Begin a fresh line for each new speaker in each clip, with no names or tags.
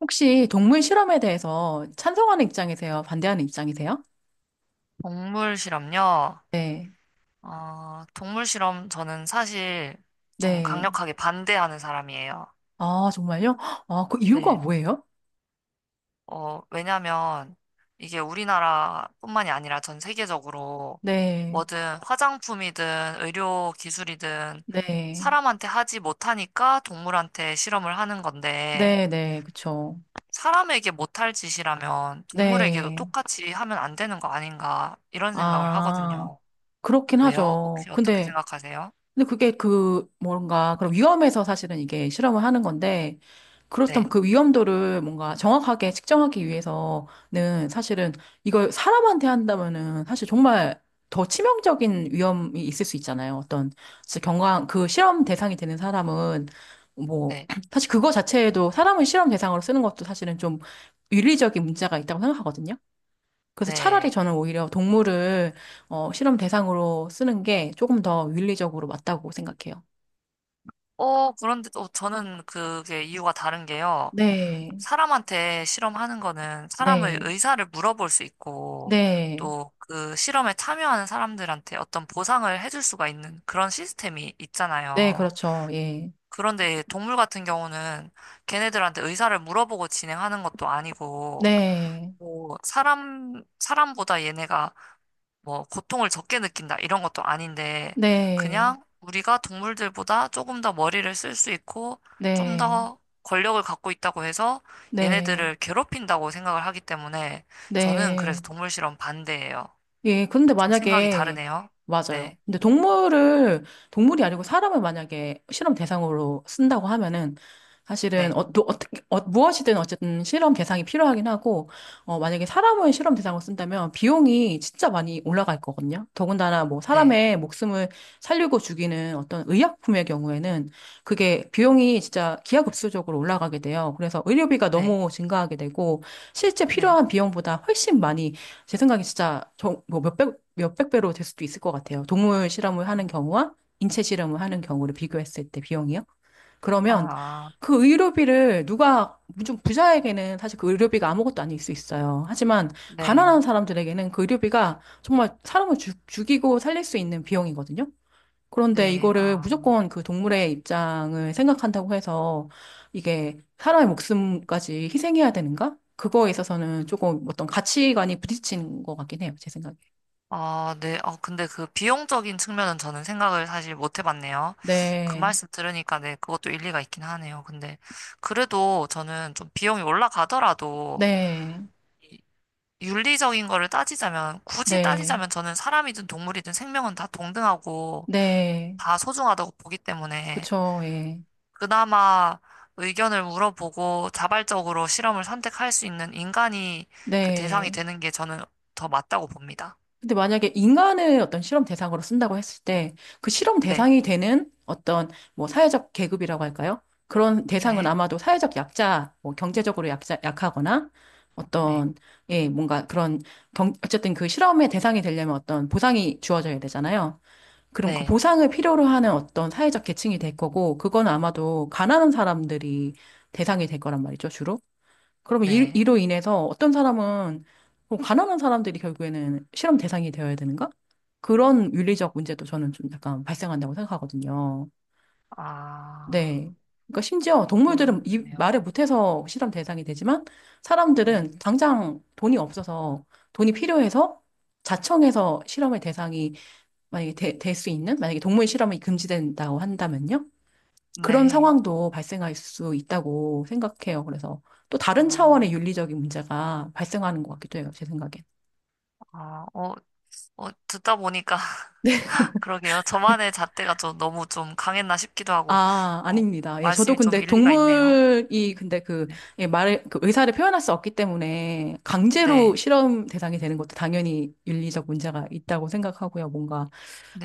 혹시 동물 실험에 대해서 찬성하는 입장이세요? 반대하는 입장이세요?
동물 실험요?
네.
어, 동물 실험 저는 사실 좀
네.
강력하게 반대하는 사람이에요.
아, 정말요? 아, 그 이유가
네.
뭐예요?
왜냐면 이게 우리나라뿐만이 아니라 전 세계적으로
네.
뭐든 화장품이든 의료 기술이든
네.
사람한테 하지 못하니까 동물한테 실험을 하는 건데
네, 네. 그쵸.
사람에게 못할 짓이라면 동물에게도
네.
똑같이 하면 안 되는 거 아닌가 이런 생각을
아,
하거든요.
그렇긴
왜요?
하죠.
혹시 어떻게
근데,
생각하세요?
근데 그게 그 뭔가 그런 위험에서 사실은 이게 실험을 하는 건데,
네,
그렇다면 그 위험도를 뭔가 정확하게 측정하기 위해서는 사실은 이걸 사람한테 한다면은 사실 정말 더 치명적인 위험이 있을 수 있잖아요. 어떤 진짜 경강 그 실험 대상이 되는 사람은 뭐
네.
사실 그거 자체에도 사람을 실험 대상으로 쓰는 것도 사실은 좀 윤리적인 문제가 있다고 생각하거든요. 그래서 차라리
네.
저는 오히려 동물을 실험 대상으로 쓰는 게 조금 더 윤리적으로 맞다고 생각해요.
그런데 또 저는 그게 이유가 다른 게요.
네,
사람한테 실험하는 거는 사람의
네,
의사를 물어볼 수 있고,
네,
또 그 실험에 참여하는 사람들한테 어떤 보상을 해줄 수가 있는 그런 시스템이
네,
있잖아요.
그렇죠. 예.
그런데 동물 같은 경우는 걔네들한테 의사를 물어보고 진행하는 것도 아니고,
네,
뭐 사람, 사람보다 얘네가 뭐 고통을 적게 느낀다 이런 것도 아닌데
네,
그냥 우리가 동물들보다 조금 더 머리를 쓸 수 있고 좀
네,
더 권력을 갖고 있다고 해서
네,
얘네들을 괴롭힌다고 생각을 하기 때문에 저는 그래서
네.
동물 실험 반대예요.
예, 근데
좀 생각이
만약에,
다르네요.
맞아요.
네,
근데 동물을, 동물이 아니고 사람을 만약에 실험 대상으로 쓴다고 하면은, 사실은,
네,
또 어떻게, 무엇이든 어쨌든 실험 대상이 필요하긴 하고, 만약에 사람을 실험 대상으로 쓴다면 비용이 진짜 많이 올라갈 거거든요. 더군다나 뭐
네,
사람의 목숨을 살리고 죽이는 어떤 의약품의 경우에는 그게 비용이 진짜 기하급수적으로 올라가게 돼요. 그래서 의료비가
네,
너무 증가하게 되고, 실제
네.
필요한 비용보다 훨씬 많이 제 생각에 진짜 뭐 몇백 배로 될 수도 있을 것 같아요. 동물 실험을
어,
하는 경우와 인체 실험을 하는 경우를 비교했을 때 비용이요. 그러면
아,
그 의료비를 누가, 좀 부자에게는 사실 그 의료비가 아무것도 아닐 수 있어요. 하지만 가난한
네,
사람들에게는 그 의료비가 정말 사람을 죽, 이고 살릴 수 있는 비용이거든요. 그런데
네,
이거를
아.
무조건 그 동물의 입장을 생각한다고 해서 이게 사람의 목숨까지 희생해야 되는가? 그거에 있어서는 조금 어떤 가치관이 부딪히는 것 같긴 해요, 제 생각에.
아, 네. 근데 그 비용적인 측면은 저는 생각을 사실 못 해봤네요. 그
네,
말씀 들으니까 네, 그것도 일리가 있긴 하네요. 근데 그래도 저는 좀 비용이 올라가더라도
네,
이 윤리적인 거를 따지자면, 굳이
네,
따지자면 저는 사람이든 동물이든 생명은 다 동등하고
네,
다 소중하다고 보기 때문에
그쵸, 예,
그나마 의견을 물어보고 자발적으로 실험을 선택할 수 있는 인간이 그 대상이
네.
되는 게 저는 더 맞다고 봅니다.
근데 만약에 인간을 어떤 실험 대상으로 쓴다고 했을 때 그 실험
네.
대상이 되는 어떤 뭐 사회적 계급이라고 할까요? 그런 대상은
네.
아마도 사회적 약자, 뭐 경제적으로 약자, 약하거나
네.
어떤, 예, 뭔가 그런 경, 어쨌든 그 실험의 대상이 되려면 어떤 보상이 주어져야 되잖아요. 그럼 그
네.
보상을 필요로 하는 어떤 사회적 계층이 될 거고, 그건 아마도 가난한 사람들이 대상이 될 거란 말이죠, 주로. 그러면 이,
네.
이로 인해서 어떤 사람은 그럼 가난한 사람들이 결국에는 실험 대상이 되어야 되는가? 그런 윤리적 문제도 저는 좀 약간 발생한다고 생각하거든요.
아,
네. 그러니까 심지어 동물들은 이
그렇네요.
말을 못해서 실험 대상이 되지만
네.
사람들은 당장 돈이 없어서 돈이 필요해서 자청해서 실험의 대상이 만약에 될 수 있는, 만약에 동물 실험이 금지된다고 한다면요. 그런
네.
상황도 발생할 수 있다고 생각해요. 그래서 또 다른 차원의
아,
윤리적인 문제가 발생하는 것 같기도 해요. 제 생각엔.
아, 어, 어, 듣다 보니까, 그러게요. 저만의 잣대가 좀 너무 좀 강했나 싶기도 하고,
아,
어,
아닙니다. 예, 저도
말씀이 좀
근데
일리가 있네요.
동물이 근데 그,
네.
예, 말을, 그 의사를 표현할 수 없기 때문에 강제로
네.
실험 대상이 되는 것도 당연히 윤리적 문제가 있다고 생각하고요. 뭔가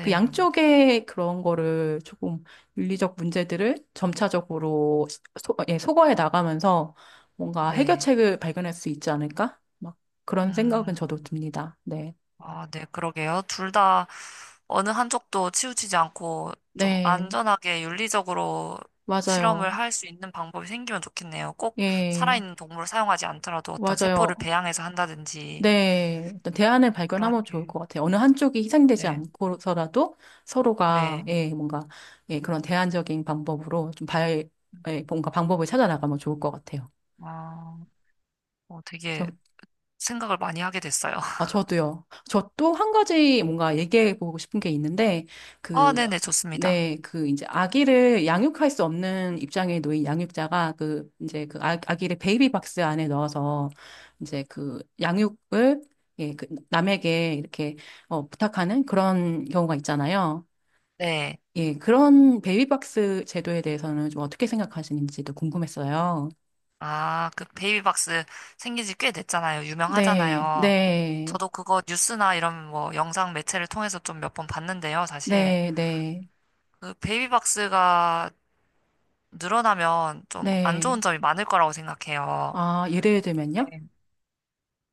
그 양쪽의 그런 거를 조금 윤리적 문제들을 점차적으로 소, 예, 소거해 나가면서 뭔가
네.
해결책을 발견할 수 있지 않을까? 막 그런 생각은 저도
음.
듭니다. 네.
아, 네, 그러게요. 둘 다 어느 한쪽도 치우치지 않고 좀
네,
안전하게 윤리적으로 실험을
맞아요.
할 수 있는 방법이 생기면 좋겠네요. 꼭
예,
살아있는 동물을 사용하지 않더라도 어떤 세포를
맞아요.
배양해서 한다든지
네, 일단 대안을
그런
발견하면 좋을
게,
것 같아요. 어느 한쪽이 희생되지
네,
않고서라도 서로가,
네.
예, 뭔가, 예, 그런 대안적인 방법으로 좀 발, 예, 뭔가 방법을 찾아 나가면 좋을 것 같아요.
아, 어, 되게
저,
생각을 많이 하게 됐어요.
아, 저도요. 저 또 한 가지 뭔가 얘기해 보고 싶은 게 있는데,
아,
그,
네네, 좋습니다.
네, 그 이제 아기를 양육할 수 없는 입장에 놓인 양육자가 그 이제 그 아, 아기를 베이비 박스 안에 넣어서 이제 그 양육을 예, 그 남에게 이렇게 부탁하는 그런 경우가 있잖아요.
네.
예, 그런 베이비 박스 제도에 대해서는 좀 어떻게 생각하시는지도 궁금했어요.
아, 그 베이비박스 생긴 지 꽤 됐잖아요.
네,
유명하잖아요.
네,
저도 그거 뉴스나 이런 뭐 영상 매체를 통해서 좀 몇 번 봤는데요, 사실.
네, 네,
그 베이비박스가 늘어나면 좀 안 좋은
네.
점이 많을 거라고 생각해요.
아, 예를 들면요?
네.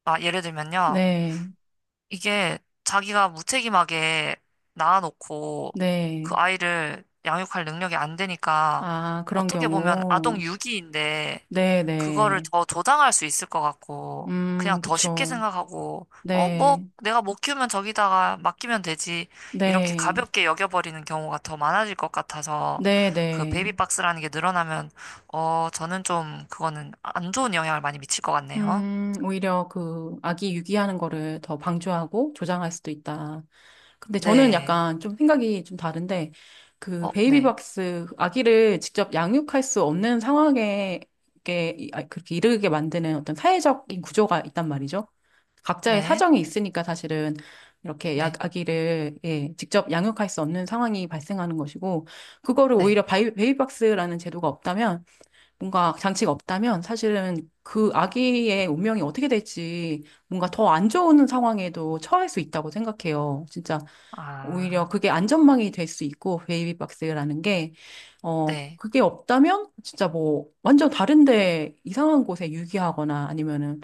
아, 예를 들면요.
네,
이게 자기가 무책임하게 낳아놓고 그
네.
아이를 양육할 능력이 안 되니까
아, 그런
어떻게 보면 아동
경우.
유기인데
네,
그거를
네.
더 조장할 수 있을 것 같고 그냥 더 쉽게
그쵸.
생각하고 어, 뭐
네,
내가 못 키우면 저기다가 맡기면 되지 이렇게
네,
가볍게 여겨버리는 경우가 더 많아질 것 같아서
네,
그
네.
베이비박스라는 게 늘어나면 저는 좀 그거는 안 좋은 영향을 많이 미칠 것 같네요.
오히려 그 아기 유기하는 거를 더 방조하고 조장할 수도 있다. 근데 저는
네.
약간 좀 생각이 좀 다른데, 그
어, 네.
베이비박스 아기를 직접 양육할 수 없는 상황에 이렇게 아, 그렇게 이르게 만드는 어떤 사회적인 구조가 있단 말이죠. 각자의
네.
사정이 있으니까 사실은 이렇게
네.
약 아기를 예, 직접 양육할 수 없는 상황이 발생하는 것이고, 그거를
네.
오히려 베이비박스라는 제도가 없다면, 뭔가 장치가 없다면 사실은 그 아기의 운명이 어떻게 될지 뭔가 더 안 좋은 상황에도 처할 수 있다고 생각해요. 진짜 오히려
아,
그게 안전망이 될 수 있고 베이비박스라는 게
네.
그게 없다면 진짜 뭐 완전 다른데 이상한 곳에 유기하거나 아니면은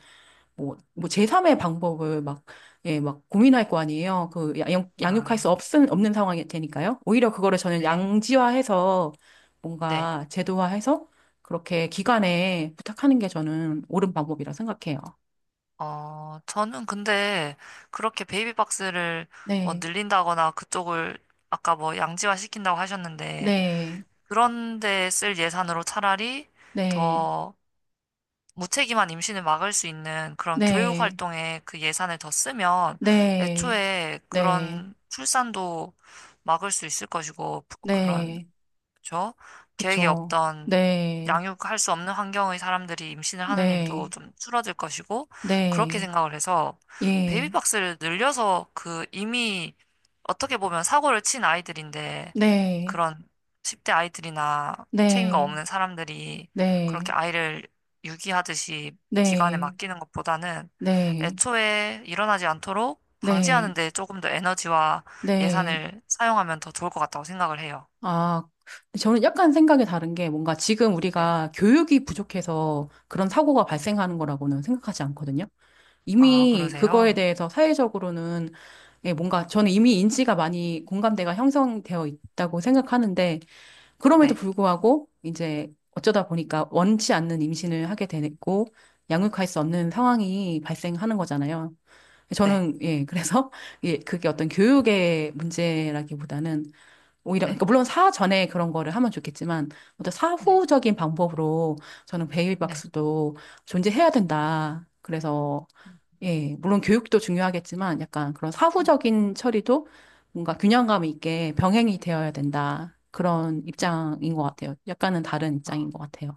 뭐 제3의 방법을 막, 예, 막 고민할 거 아니에요. 그 양,
아,
없는 상황이 되니까요. 오히려 그거를 저는
네.
양지화해서
네.
뭔가 제도화해서 그렇게 기관에 부탁하는 게 저는 옳은 방법이라 생각해요.
저는 근데 그렇게 베이비박스를 뭐
네,
늘린다거나 그쪽을 아까 뭐 양지화 시킨다고 하셨는데
네,
그런데 쓸 예산으로 차라리
네,
더 무책임한 임신을 막을 수 있는 그런 교육
네,
활동에 그 예산을 더 쓰면
네,
애초에
네.
그런 출산도 막을 수 있을 것이고 그런
네,
그렇죠? 계획이
그쵸.
없던
네,
양육할 수 없는 환경의 사람들이 임신을 하는 일도
네,
좀 줄어들 것이고 그렇게
네,
생각을 해서
예,
베이비박스를 늘려서 그 이미 어떻게 보면 사고를 친 아이들인데
네,
그런 10대 아이들이나 책임감
네,
없는 사람들이 그렇게
네,
아이를 유기하듯이 기관에
네,
맡기는 것보다는
네,
애초에 일어나지 않도록 방지하는
네,
데 조금 더 에너지와
네.
예산을 사용하면 더 좋을 것 같다고 생각을 해요.
아, 저는 약간 생각이 다른 게 뭔가 지금 우리가 교육이 부족해서 그런 사고가 발생하는 거라고는 생각하지 않거든요.
아,
이미 그거에
그러세요?
대해서 사회적으로는 예, 뭔가 저는 이미 인지가 많이 공감대가 형성되어 있다고 생각하는데 그럼에도
네,
불구하고 이제 어쩌다 보니까 원치 않는 임신을 하게 됐고 양육할 수 없는 상황이 발생하는 거잖아요.
네,
저는 예 그래서 예 그게 어떤 교육의 문제라기보다는 오히려
네,
그러니까 물론 사전에 그런 거를 하면 좋겠지만 어떤
네,
사후적인 방법으로 저는
네.
베이비박스도 존재해야 된다. 그래서
음,
예, 물론 교육도 중요하겠지만 약간 그런
음,
사후적인 처리도 뭔가 균형감 있게 병행이 되어야 된다. 그런
음.
입장인 것 같아요. 약간은 다른 입장인
아,
것 같아요.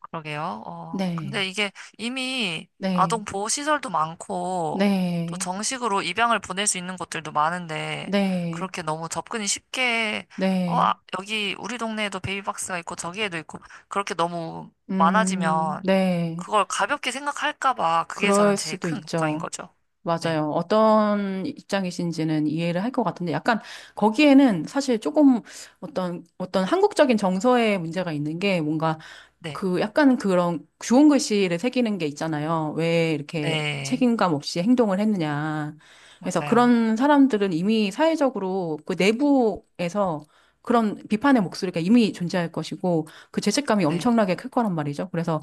그러게요.
네,
근데 이게 이미
네,
아동 보호 시설도 많고 또
네,
정식으로 입양을 보낼 수 있는 곳들도 많은데
네,
그렇게 너무 접근이 쉽게 어,
네,
아, 여기 우리 동네에도 베이비박스가 있고 저기에도 있고 그렇게 너무 많아지면
네.
그걸 가볍게 생각할까 봐 그게 저는
그럴
제일
수도
큰 걱정인
있죠.
거죠. 네,
맞아요. 어떤 입장이신지는 이해를 할 것 같은데 약간 거기에는 사실 조금 어떤, 어떤 한국적인 정서의 문제가 있는 게 뭔가
네,
그 약간 그런 주홍 글씨를 새기는 게 있잖아요. 왜 이렇게
네,
책임감 없이 행동을 했느냐. 그래서
맞아요.
그런 사람들은 이미 사회적으로 그 내부에서 그런 비판의 목소리가 이미 존재할 것이고 그 죄책감이
네,
엄청나게 클 거란 말이죠. 그래서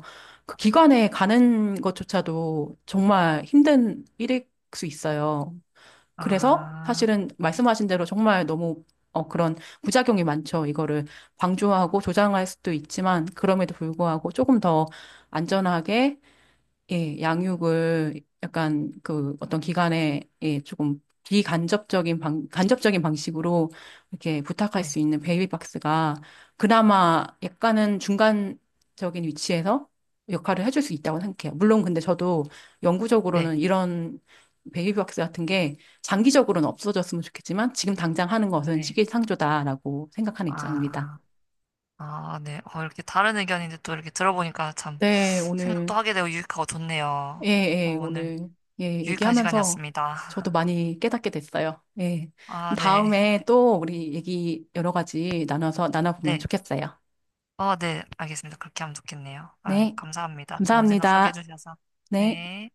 그 기관에 가는 것조차도 정말 힘든 일일 수 있어요. 그래서
아.
사실은 말씀하신 대로 정말 너무 그런 부작용이 많죠. 이거를 방조하고 조장할 수도 있지만 그럼에도 불구하고 조금 더 안전하게 예, 양육을 약간 그 어떤 기관에 예, 조금 간접적인 방식으로 이렇게 부탁할
네,
수 있는 베이비박스가 그나마 약간은 중간적인 위치에서 역할을 해줄 수 있다고 생각해요. 물론 근데 저도
네,
영구적으로는 이런 베이비박스 같은 게 장기적으로는 없어졌으면 좋겠지만 지금 당장 하는 것은
네.
시기상조다라고 생각하는 입장입니다.
아, 아, 네. 이렇게 다른 의견인데 또 이렇게 들어보니까 참
네,
생각도
오늘
하게 되고 유익하고
예,
좋네요. 어,
예,
오늘
오늘, 예,
유익한
얘기하면서 저도
시간이었습니다.
많이 깨닫게 됐어요. 예.
아, 네.
다음에 또 우리 얘기 여러 가지 나눠서 나눠보면
네.
좋겠어요.
어, 네. 알겠습니다. 그렇게 하면 좋겠네요. 아유,
네.
감사합니다. 좋은 생각하게
감사합니다.
해주셔서.
네.
네.